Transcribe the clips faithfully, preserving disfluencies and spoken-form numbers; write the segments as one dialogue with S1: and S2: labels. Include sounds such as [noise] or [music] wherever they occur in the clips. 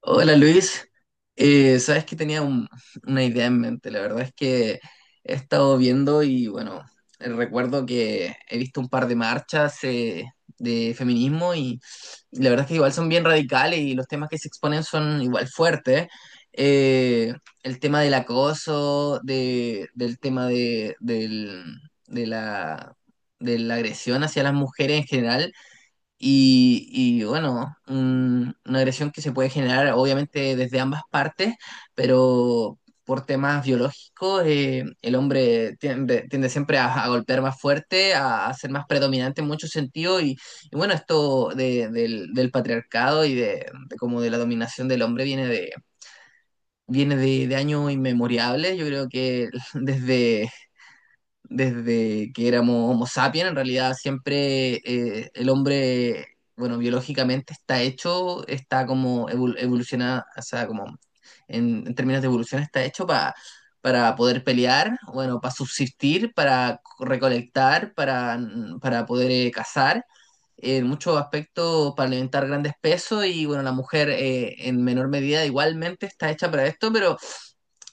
S1: Hola Luis. Eh, sabes que tenía un- una idea en mente. La verdad es que he estado viendo y bueno, eh, recuerdo que he visto un par de marchas, eh, de feminismo, y, y la verdad es que igual son bien radicales y los temas que se exponen son igual fuertes. Eh, el tema del acoso, de, del tema de, del- de la, de la agresión hacia las mujeres en general. y, y, bueno, un- una agresión que se puede generar obviamente desde ambas partes, pero por temas biológicos, eh, el hombre tiende, tiende siempre a, a golpear más fuerte, a, a ser más predominante en muchos sentidos. Y, y bueno, esto de- del, del patriarcado y de, de como de la dominación del hombre viene de, viene de, de años inmemorables. Yo creo que [laughs] desde desde que éramos Homo sapiens, en realidad siempre, eh, el hombre, bueno, biológicamente está hecho, está como evolucionado, o sea, como en, en términos de evolución está hecho para para poder pelear. Bueno, para subsistir, para recolectar, para, mm, para poder, eh, cazar, en muchos aspectos para alimentar grandes pesos. Y bueno, la mujer, eh, en menor medida igualmente está hecha para esto, pero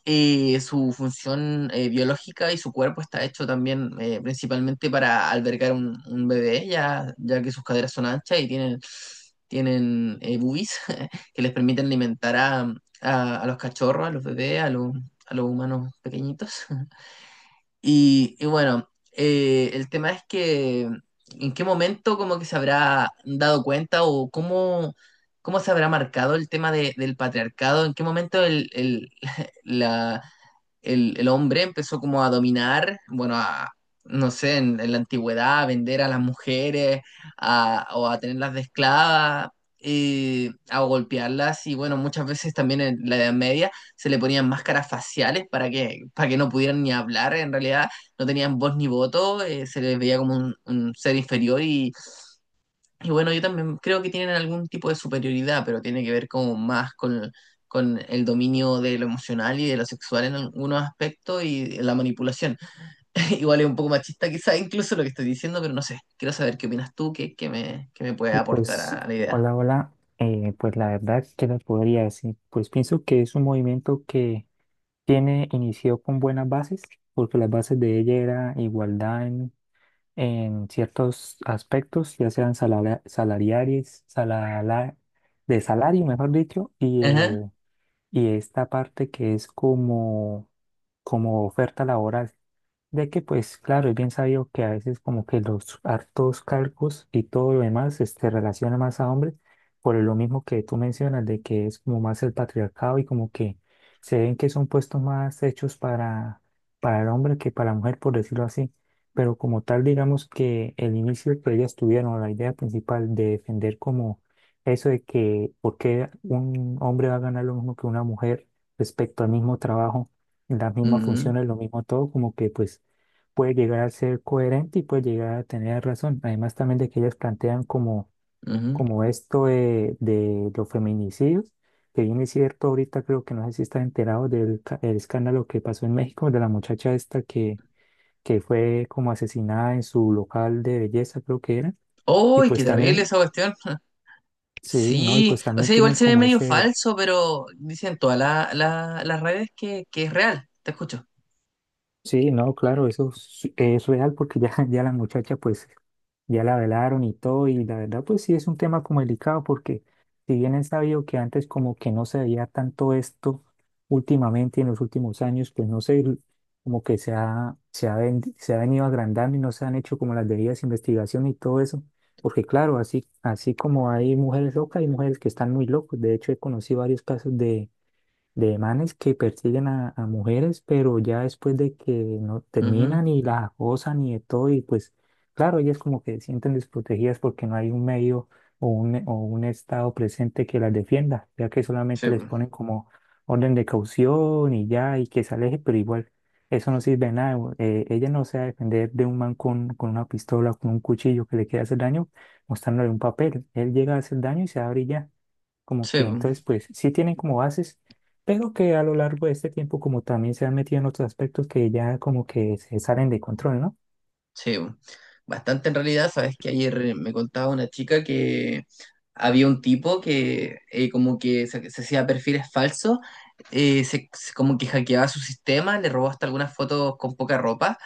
S1: eh, su función, eh, biológica y su cuerpo está hecho también, eh, principalmente para albergar un, un bebé, ya, ya que sus caderas son anchas y tienen, tienen eh, boobies [laughs] que les permiten alimentar a, a- a los cachorros, a los bebés, a los, a los humanos pequeñitos. [laughs] Y, y bueno, eh, el tema es que en qué momento como que se habrá dado cuenta o cómo, cómo se habrá marcado el tema de- del patriarcado, en qué momento el, el, [laughs] la, el, el hombre empezó como a dominar, bueno, a, no sé, en, en la antigüedad, a vender a las mujeres, a- o a tenerlas de esclavas, eh, a golpearlas. Y bueno, muchas veces también en la Edad Media se le ponían máscaras faciales para que, para que no pudieran ni hablar. En realidad no tenían voz ni voto, eh, se les veía como un, un ser inferior. Y, y, bueno, yo también creo que tienen algún tipo de superioridad, pero tiene que ver como más con, con el dominio de lo emocional y de lo sexual en algunos aspectos y la manipulación. [laughs] Igual es un poco machista, quizá incluso lo que estoy diciendo, pero no sé, quiero saber qué opinas tú, qué, qué me, qué me puede
S2: Y
S1: aportar
S2: pues,
S1: a la idea.
S2: hola, hola. Eh, pues la verdad, ¿qué les podría decir? Pues pienso que es un movimiento que tiene, inició con buenas bases, porque las bases de ella era igualdad en, en ciertos aspectos, ya sean salara- salariales, salala- de salario, mejor dicho, y,
S1: Ajá.
S2: eh, y esta parte que es como, como oferta laboral. Ya que pues claro, es bien sabido que a veces como que los hartos calcos y todo lo demás este, relaciona más a hombres por lo mismo que tú mencionas de que es como más el patriarcado y como que se ven que son puestos más hechos para, para el hombre que para la mujer, por decirlo así. Pero como tal, digamos que el inicio que ellas tuvieron, la idea principal de defender como eso de que por qué un hombre va a ganar lo mismo que una mujer respecto al mismo trabajo, las mismas
S1: Ujú,
S2: funciones, lo mismo todo, como que pues puede llegar a ser coherente y puede llegar a tener razón. Además también de que ellas plantean como,
S1: ujú.
S2: como esto de, de los feminicidios, que bien es cierto, ahorita creo que no sé si estás enterado del ca- el escándalo que pasó en México, de la muchacha esta que, que fue como asesinada en su local de belleza, creo que era. Y
S1: ¡Uy, qué
S2: pues
S1: terrible
S2: también,
S1: esa cuestión!
S2: sí, ¿no? Y
S1: Sí,
S2: pues
S1: o
S2: también
S1: sea, igual
S2: tienen
S1: se ve
S2: como
S1: medio
S2: ese,
S1: falso, pero dicen todas la- la- las redes que, que es real. Te escucho.
S2: sí, no, claro, eso es, es real porque ya, [laughs] ya la muchacha pues ya la velaron y todo y la verdad pues sí es un tema como delicado porque si bien es sabido que antes como que no se veía tanto esto últimamente en los últimos años pues no sé, como que se ha, se ha, ven- se ha venido agrandando y no se han hecho como las debidas investigaciones y todo eso porque claro, así, así como hay mujeres locas, hay mujeres que están muy locas, de hecho he conocido varios casos de de manes que persiguen a, a mujeres, pero ya después de que no
S1: Ujú.
S2: terminan y las acosan y de todo, y pues claro, ellas como que se sienten desprotegidas porque no hay un medio o un, o un estado presente que las defienda, ya que solamente
S1: Sí,
S2: les
S1: bu.
S2: ponen como orden de caución y ya, y que se aleje, pero igual eso no sirve de nada. Eh, ella no se va a defender de un man con, con una pistola o con un cuchillo que le quiera hacer daño, mostrándole un papel. Él llega a hacer daño y se abre y ya. Como que
S1: Sí, bu.
S2: entonces, pues sí tienen como bases, pero que a lo largo de este tiempo como también se han metido en otros aspectos que ya como que se salen de control, ¿no?
S1: Sí. Bu. Bastante en realidad. Sabes que ayer me contaba una chica que había un tipo que, eh, como que se, se hacía perfiles falsos. Eh, se, se- como que hackeaba su sistema, le robó hasta algunas fotos con poca ropa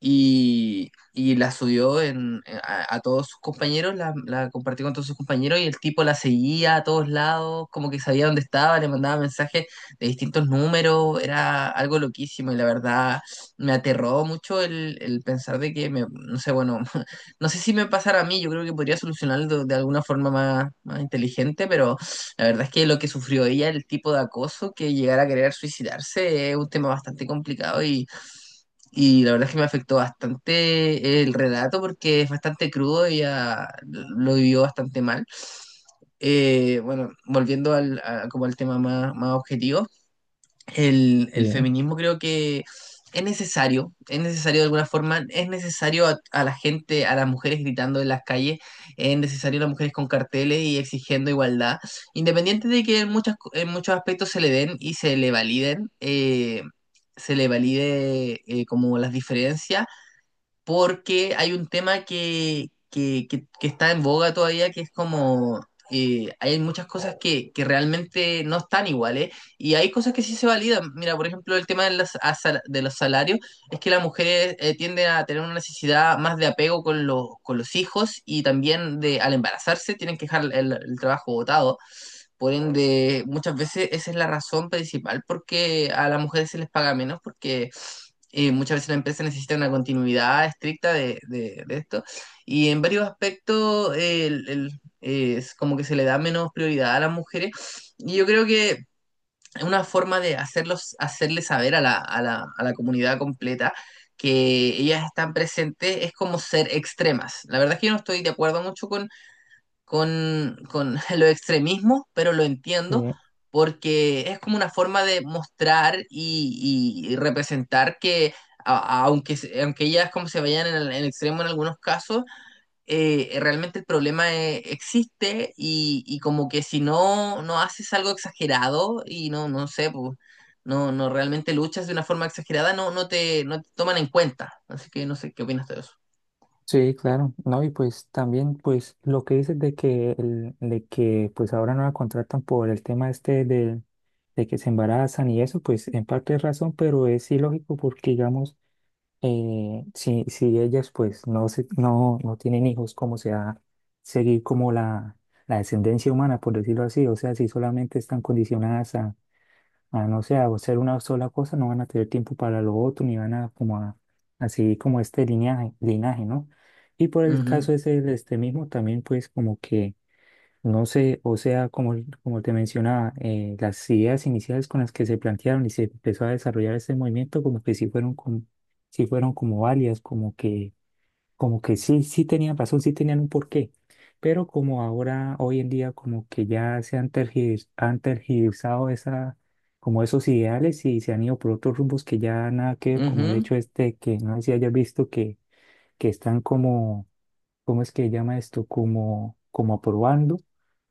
S1: y, y la subió en, eh, a, a todos sus compañeros, la, la compartió con todos sus compañeros. Y el tipo la seguía a todos lados, como que sabía dónde estaba, le mandaba mensajes de distintos números. Era algo loquísimo y la verdad me aterró mucho el, el pensar de que, me, no sé, bueno, [laughs] no sé si me pasara a mí. Yo creo que podría solucionarlo de, de alguna forma más, más inteligente, pero la verdad es que lo que sufrió ella, el tipo de acoso, que llegara a querer suicidarse, es un tema bastante complicado y... Y la verdad es que me afectó bastante el relato porque es bastante crudo, ella lo vivió bastante mal. Eh, bueno, volviendo al, a- como al tema más, más objetivo, el,
S2: Sí,
S1: el feminismo creo que es necesario. Es necesario de alguna forma, es necesario a, a la gente, a las mujeres gritando en las calles, es necesario a las mujeres con carteles y exigiendo igualdad, independiente de que en, muchas, co- en muchos aspectos se le den y se le validen, eh, se le valide eh, como las diferencias, porque hay un tema que, que, que- que está en boga todavía, que es como, eh, hay muchas cosas que, que realmente no están iguales y hay cosas que sí se validan. Mira, por ejemplo, el tema de, las, a sal- de los salarios es que las mujeres, eh, tienden a tener una necesidad más de apego con, los con los hijos, y también de al embarazarse tienen que dejar el, el trabajo botado. Por ende, muchas veces esa es la razón principal porque a las mujeres se les paga menos, porque, eh, muchas veces la empresa necesita una continuidad estricta de, de- de esto, y en varios aspectos, eh, el- el- eh, es como que se le da menos prioridad a las mujeres. Y yo creo que es una forma de hacerlos, hacerle saber a la, a la, a la comunidad completa que ellas están presentes, es como ser extremas. La verdad es que yo no estoy de acuerdo mucho con, con [laughs] los extremismos, pero lo entiendo
S2: sí.
S1: porque es como una forma de mostrar y, y- y representar que, a- a- aunque, se- aunque ellas como se vayan en el, en el extremo en algunos casos, eh, realmente el problema, eh, existe, y, y como que si no, no haces algo exagerado y no, no sé, pues, no, no realmente luchas de una forma exagerada, no, no te, no te toman en cuenta. Así que no sé qué opinas de eso.
S2: Sí, claro, ¿no? Y pues también pues lo que dices de que, el- de que pues ahora no la contratan por el tema este de, de que se embarazan y eso, pues en parte es razón, pero es ilógico porque digamos eh, si, si ellas pues no, se- no, no tienen hijos, ¿cómo se va a seguir como la, la descendencia humana, por decirlo así? O sea, si solamente están condicionadas a, a, no sé, a hacer una sola cosa, no van a tener tiempo para lo otro, ni van a como a, a seguir como este linaje, linaje, ¿no? Y por el
S1: Ujú,
S2: caso ese del este mismo, también pues como que no sé, o sea, como, como te mencionaba, eh, las ideas iniciales con las que se plantearon y se empezó a desarrollar este movimiento, como que sí fueron como, sí fueron como válidas, como que, como que sí, sí tenían razón, sí tenían un porqué. Pero como ahora, hoy en día, como que ya se han tergivers- han tergiversado esa, como esos ideales y se han ido por otros rumbos que ya nada que ver, como el
S1: ujú,
S2: hecho este que no sé si hayas visto que, que están como ¿cómo es que llama esto? Como, como aprobando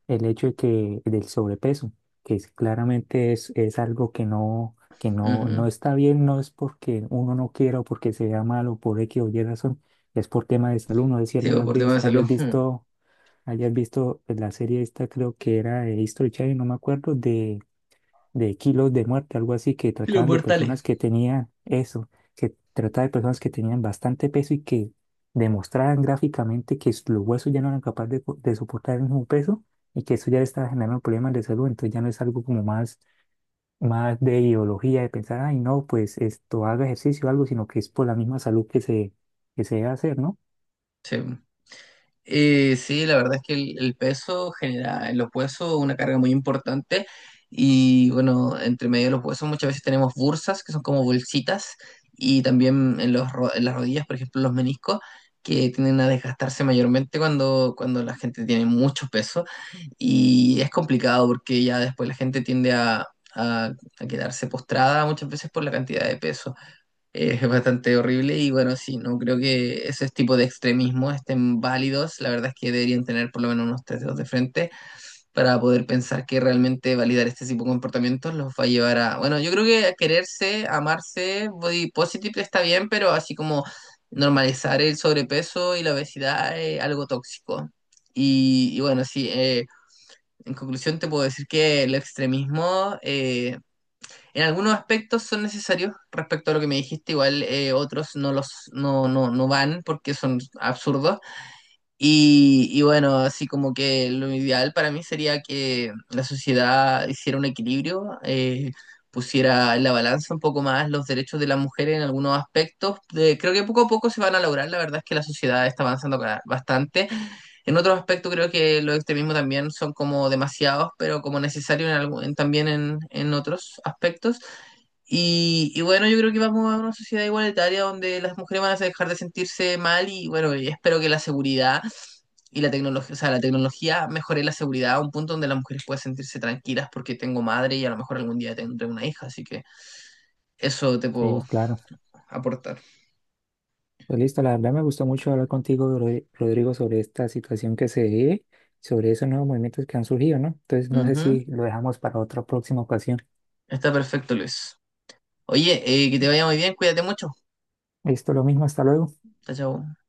S2: el hecho de que del sobrepeso, que es- claramente es, es algo que no, que no,
S1: ujú.
S2: no está bien, no es porque uno no quiera o porque se vea mal o por X o Y razón, es por tema de salud. No sé si
S1: Sí,
S2: alguna
S1: pues, por tema
S2: vez
S1: de salud.
S2: hayas visto, hayas visto la serie esta, creo que era de History Channel, no me acuerdo, de kilos de muerte, algo así, que
S1: [laughs] Los
S2: trataban de
S1: portales.
S2: personas que tenían eso, que trataba de personas que tenían bastante peso y que demostraban gráficamente que s- los huesos ya no eran capaces de, co- de soportar el mismo peso y que eso ya le estaba generando problemas de salud, entonces ya no es algo como más, más de ideología, de pensar, ay, no, pues esto haga ejercicio o algo, sino que es por la misma salud que se, que se debe hacer, ¿no?
S1: Sí. Eh, sí, la verdad es que el, el peso genera en los huesos una carga muy importante. Y bueno, entre medio de los huesos muchas veces tenemos bursas que son como bolsitas, y también en, los, ro- en las rodillas, por ejemplo, los meniscos que tienden a desgastarse mayormente cuando, cuando la gente tiene mucho peso. Y es complicado porque ya después la gente tiende a, a a quedarse postrada muchas veces por la cantidad de peso. Es bastante horrible, y bueno, sí, no creo que esos tipos de extremismo estén válidos. La verdad es que deberían tener por lo menos unos tres dedos de frente para poder pensar que realmente validar este tipo de comportamientos los va a llevar a, bueno, yo creo que quererse, amarse, body positive está bien, pero así como normalizar el sobrepeso y la obesidad es algo tóxico. Y, y bueno, sí, eh, en conclusión te puedo decir que el extremismo, eh, en algunos aspectos son necesarios respecto a lo que me dijiste, igual, eh, otros no los no, no, no van porque son absurdos. Y, y bueno, así como que lo ideal para mí sería que la sociedad hiciera un equilibrio, eh, pusiera en la balanza un poco más los derechos de las mujeres en algunos aspectos. De- creo que poco a poco se van a lograr. La verdad es que la sociedad está avanzando, ca- bastante. En otros aspectos creo que los extremismos también son como demasiados, pero como necesarios en algún- en- también en en otros aspectos. Y, y bueno, yo creo que vamos a una sociedad igualitaria donde las mujeres van a dejar de sentirse mal, y bueno, y espero que la seguridad y la tecnología, o sea, la tecnología mejore la seguridad a un punto donde las mujeres puedan sentirse tranquilas, porque tengo madre y a lo mejor algún día tendré una hija, así que eso te puedo
S2: Sí, claro.
S1: aportar.
S2: Pues listo, la verdad me gustó mucho hablar contigo, Rod- Rodrigo, sobre esta situación que se ve sobre esos nuevos movimientos que han surgido, ¿no? Entonces, no sé
S1: Ujú.
S2: si lo dejamos para otra próxima ocasión.
S1: Está perfecto, Luis. Oye, eh, que te vaya muy bien, cuídate mucho.
S2: Listo, lo mismo, hasta luego.
S1: Chao, chao.